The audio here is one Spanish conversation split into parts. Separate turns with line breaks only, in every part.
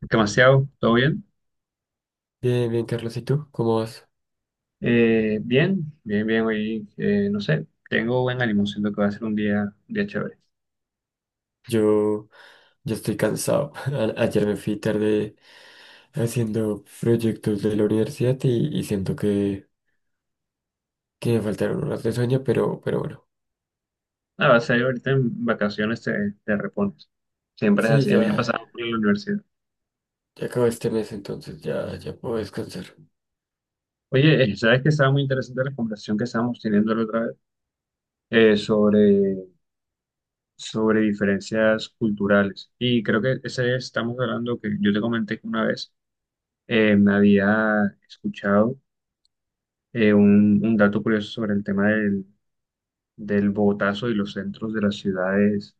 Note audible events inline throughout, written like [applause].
¿Qué demasiado? ¿Todo bien?
Bien, bien, Carlos, ¿y tú? ¿Cómo vas?
Bien, bien, bien. Hoy, no sé, tengo buen ánimo. Siento que va a ser un día chévere.
Yo, yo estoy cansado. [laughs] Ayer me fui tarde haciendo proyectos de la universidad y siento que me faltaron horas de sueño, pero bueno.
Ah, va a ser ahorita en vacaciones te repones. Siempre es
Sí,
así. A mí me ha
ya,
pasado mucho en la universidad.
ya acabó este mes, entonces ya, ya puedo descansar.
Oye, ¿sabes que estaba muy interesante la conversación que estábamos teniendo la otra vez? Eh, sobre, sobre diferencias culturales. Y creo que ese estamos hablando que yo te comenté que una vez me había escuchado un dato curioso sobre el tema del Bogotazo y los centros de las ciudades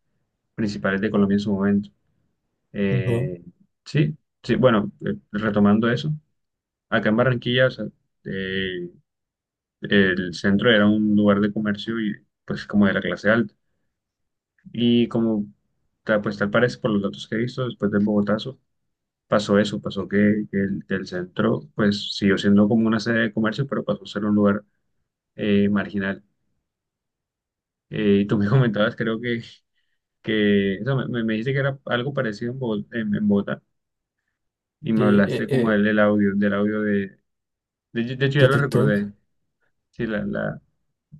principales de Colombia en su momento.
Ajá.
Eh, sí, sí, bueno, retomando eso, acá en Barranquilla, o sea, eh, el centro era un lugar de comercio y pues como de la clase alta. Y como pues tal parece por los datos que he visto después del Bogotazo, pasó eso, pasó que el centro pues siguió siendo como una sede de comercio, pero pasó a ser un lugar marginal. Y tú me [laughs] comentabas, creo que o sea, me dijiste que era algo parecido en en Bogotá, y
Sí,
me hablaste como del audio, de hecho
de
ya lo
TikTok.
recordé. Sí,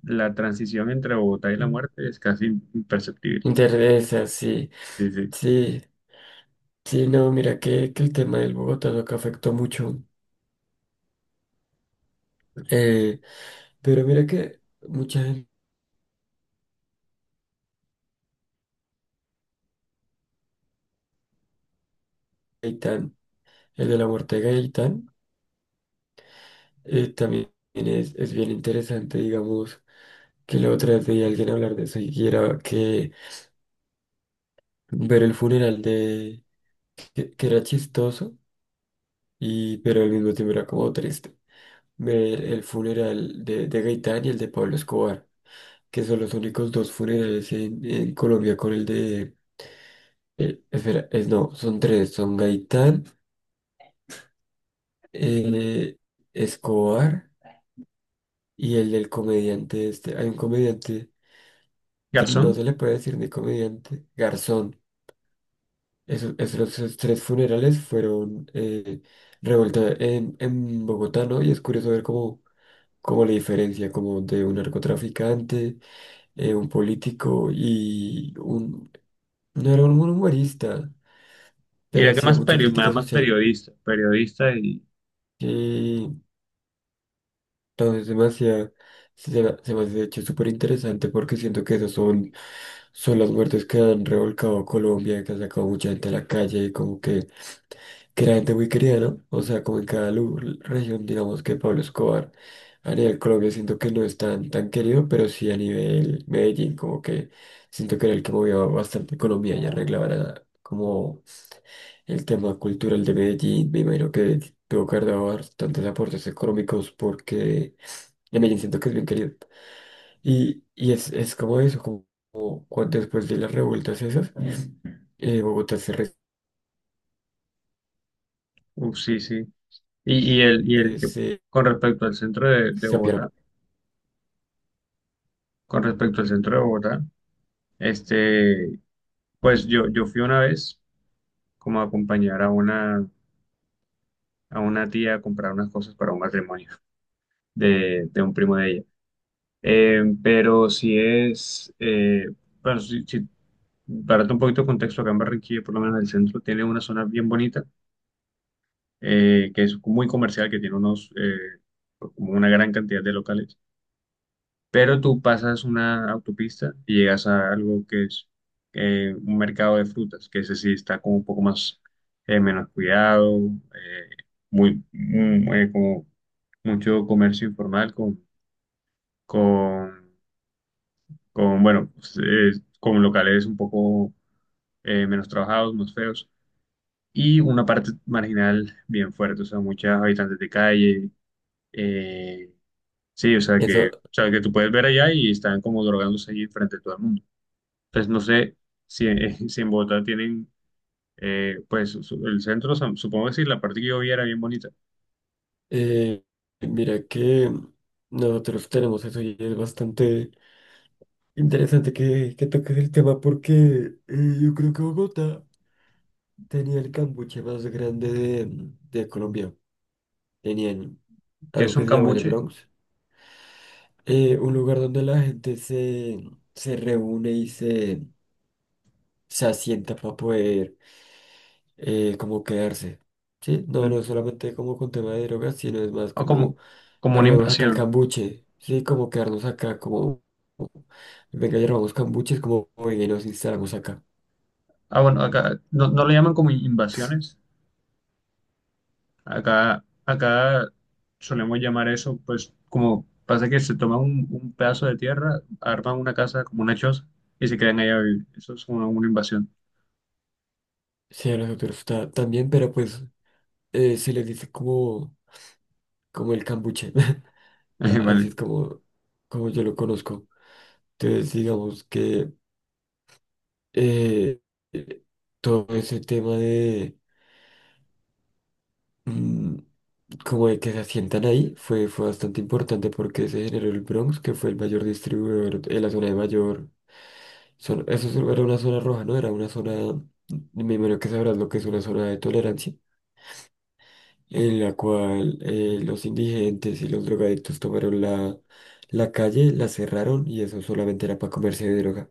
la transición entre Bogotá y la muerte es casi imperceptible.
Interesa, sí,
Sí, sí.
sí, sí, no, mira que el tema del Bogotá no que afectó mucho, eh, pero mira que mucha gente, Gaitán, el de la muerte de Gaitán. También es bien interesante, digamos, que la otra vez veía a alguien hablar de eso y era que ver el funeral de, que era chistoso, y, pero al mismo tiempo era como triste. Ver el funeral de Gaitán y el de Pablo Escobar, que son los únicos dos funerales en Colombia con el de, espera, es no, son tres, son Gaitán, eh, Escobar y el del comediante este. Hay un comediante que no se
Garzón,
le puede decir ni comediante, Garzón. Esos, esos tres funerales fueron revuelta en Bogotá, ¿no? Y es curioso ver cómo, cómo la diferencia como de un narcotraficante, un político y un... No era un humorista,
y
pero
era que
hacía
más,
mucha crítica
más
social.
periodista, periodista y,
No, es demasiado, sí, se me hace de hecho súper interesante porque siento que esos son, son las muertes que han revolcado a Colombia, que han sacado mucha gente a la calle y como que era gente muy querida, ¿no? O sea, como en cada región, digamos que Pablo Escobar a nivel Colombia siento que no es tan, tan querido, pero sí a nivel Medellín como que siento que era el que movía bastante economía y arreglaba como el tema cultural de Medellín. Me imagino que tuvo que haber dado tantos aportes económicos porque en Medellín siento que es bien querido. Y es como eso, como, como cuando después de las revueltas esas, Bogotá
uf, sí, sí, y el
eh,
que,
se,
con respecto al centro de
se apiaron.
Bogotá, con respecto al centro de Bogotá, este, pues yo fui una vez como a acompañar a una tía a comprar unas cosas para un matrimonio de un primo de ella. Pero si es, bueno, para darte un poquito de contexto, acá en Barranquilla, por lo menos el centro, tiene una zona bien bonita, que es muy comercial, que tiene unos, como una gran cantidad de locales. Pero tú pasas una autopista y llegas a algo que es un mercado de frutas, que ese sí está como un poco más menos cuidado, eh, como mucho comercio informal con, con, bueno, pues, con locales un poco menos trabajados, más feos, y una parte marginal bien fuerte, o sea, muchos habitantes de calle, eh, sí, o
Eso,
sea, que tú puedes ver allá y están como drogándose allí frente a todo el mundo. Pues no sé si, en [laughs] si en Bogotá tienen, pues el centro, supongo que sí, la parte que yo vi era bien bonita,
eh, mira que nosotros tenemos eso y es bastante interesante que toques el tema porque yo creo que Bogotá tenía el cambuche más grande de Colombia. Tenían
que
algo
es
que
un
se llama el
cambuche,
Bronx, un lugar donde la gente se, se reúne y se asienta para poder como quedarse. Sí, no,
mm,
no es solamente como con tema de drogas, sino es más
o como,
como
como una
armemos acá el
invasión.
cambuche, sí, como quedarnos acá, como venga, ya robamos cambuches, como venga y nos instalamos acá.
Ah, bueno, acá no, no le llaman como invasiones, acá, acá solemos llamar eso, pues como pasa que se toma un pedazo de tierra, arman una casa como una choza y se quedan ahí a vivir. Eso es una invasión.
Sí, a nosotros también, pero pues se les dice como, como el cambuche. [laughs]
[laughs]
Así
Vale.
es como, como yo lo conozco. Entonces, digamos que eh, eh, todo ese tema de mm, como de que se asientan ahí fue, fue bastante importante porque se generó el Bronx, que fue el mayor distribuidor en la zona de mayor. Eso era una zona roja, ¿no? Era una zona, me imagino que sabrás lo que es una zona de tolerancia, en la cual los indigentes y los drogadictos tomaron la, la calle, la cerraron y eso solamente era para comerse de droga.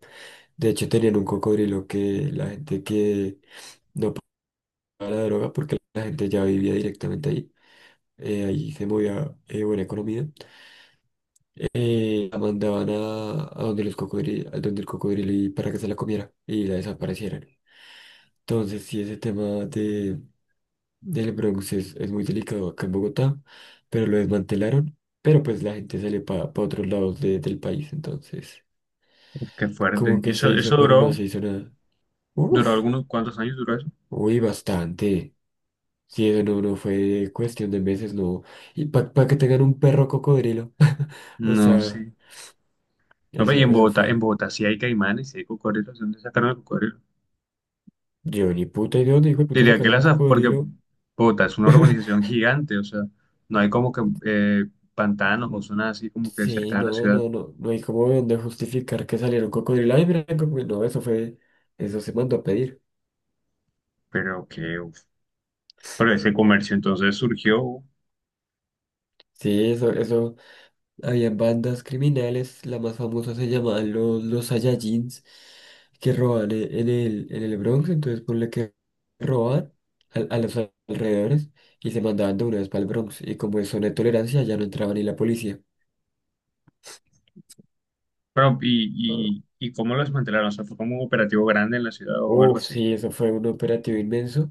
De hecho, tenían un cocodrilo que la gente que a la droga porque la gente ya vivía directamente ahí. Ahí se movía buena economía. La mandaban a donde los cocodrilos, donde el cocodrilo y para que se la comiera y la desaparecieran. Entonces, sí, ese tema de, del Bronx es muy delicado acá en Bogotá, pero lo desmantelaron. Pero pues la gente sale para otros lados del país, entonces
Uf, qué fuerte.
como
Y
que
eso,
se
eso
hizo, pero no
duró,
se hizo nada.
duró
Uf,
algunos, ¿cuántos años duró eso?
uy, bastante. Sí, eso no, no fue cuestión de meses, no. Y para que tengan un perro cocodrilo. [laughs] O
No,
sea,
sí. No, pues, y
eso, eso
En
fue.
Bogotá sí hay caimanes, sí hay cocodrilos, ¿de dónde sacaron el cocodrilo?
Yo ni puta idea dónde hijo de puta
Diría que
sacaron un
las, porque
cocodrilo.
Bogotá es una urbanización
[laughs]
gigante, o sea, no hay como que pantanos o
Mm,
zonas así como que
sí,
cercanas a la
no,
ciudad,
no, no. No hay como dónde justificar que saliera un cocodrilo. Ay, mira, el cocodrilo. No, eso fue. Eso se mandó a pedir.
pero que, uf, pero ese comercio entonces surgió,
Sí, eso, eso. Habían bandas criminales, la más famosa se llamaban los Saiyajins, que roban en el Bronx, entonces ponle que roban a los alrededores y se mandaban de una vez para el Bronx. Y como eso no hay tolerancia, ya no entraba ni la policía.
pero,
Ah,
¿y cómo lo desmantelaron? O sea, ¿fue como un operativo grande en la ciudad o algo
uf,
así?
sí, eso fue un operativo inmenso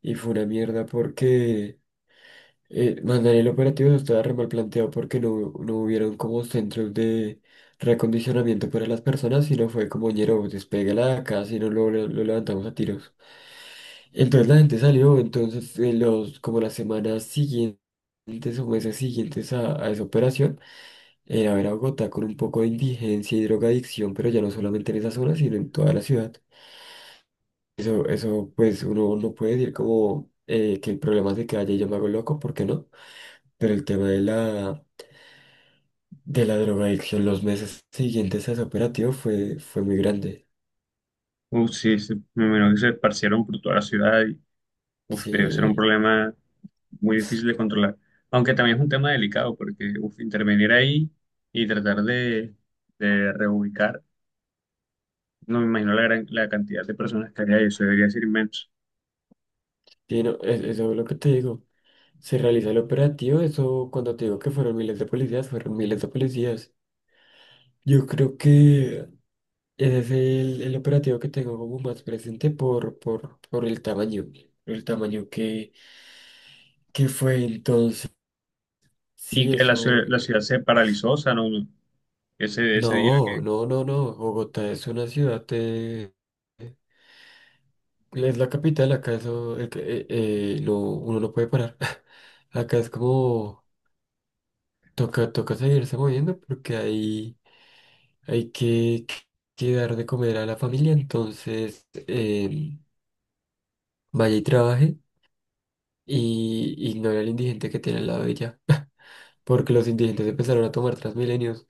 y fue una mierda porque mandar el operativo eso estaba re mal planteado porque no, no hubieron como centros de reacondicionamiento para las personas, sino fue como ñero, despégala de acá, si no lo, lo levantamos a tiros. Entonces la gente salió, entonces los, como las semanas siguientes o meses siguientes a esa operación, era ver a Bogotá con un poco de indigencia y drogadicción, pero ya no solamente en esa zona, sino en toda la ciudad. Eso pues uno no puede decir como que el problema es de que haya yo me hago loco, ¿por qué no? Pero el tema de la drogadicción los meses siguientes a ese operativo fue, fue muy grande.
Uf, sí, sí, me imagino que se esparcieron por toda la ciudad y, uf, debe ser un
Sí,
problema muy difícil de controlar. Aunque también es un tema delicado porque uf, intervenir ahí y tratar de reubicar, no me imagino la gran, la cantidad de personas que había ahí, eso debería ser inmenso.
sí, no, eso es lo que te digo. Se realiza el operativo, eso cuando te digo que fueron miles de policías, fueron miles de policías. Yo creo que ese es el operativo que tengo como más presente por el tamaño que fue entonces.
Y
Sí,
que
eso...
la ciudad se paralizó, o sea, no, no, ese día
no,
que,
no, no, no. Bogotá es una ciudad es la capital, acá eso, lo, uno no puede parar. [laughs] Acá es como, toca, toca seguirse moviendo porque hay que dar de comer a la familia, entonces vaya y trabaje y ignore al indigente que tiene al lado de ella, [laughs] porque los indigentes empezaron a tomar Transmilenios.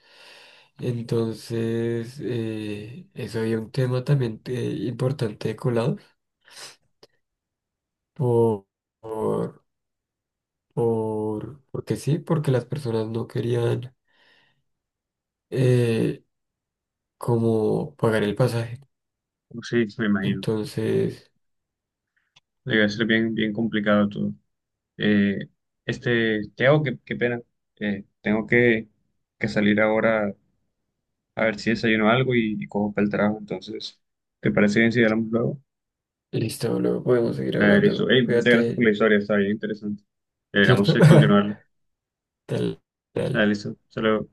Entonces, eso había un tema también importante de colado por, por, porque sí, porque las personas no querían eh, como pagar el pasaje.
uf, sí, me imagino,
Entonces,
debe ser bien, bien complicado todo. Eh, Teo, qué, qué pena, tengo que salir ahora a ver si desayuno algo y cojo para el trabajo, entonces, ¿te parece bien si hablamos luego?
listo, luego podemos seguir
Ah, listo.
hablando.
Ey, muchas gracias por
Cuídate,
la historia, está bien interesante. Deberíamos
¿cierto?
continuarla.
[laughs] Tal, tal.
Ah, listo. Hasta luego.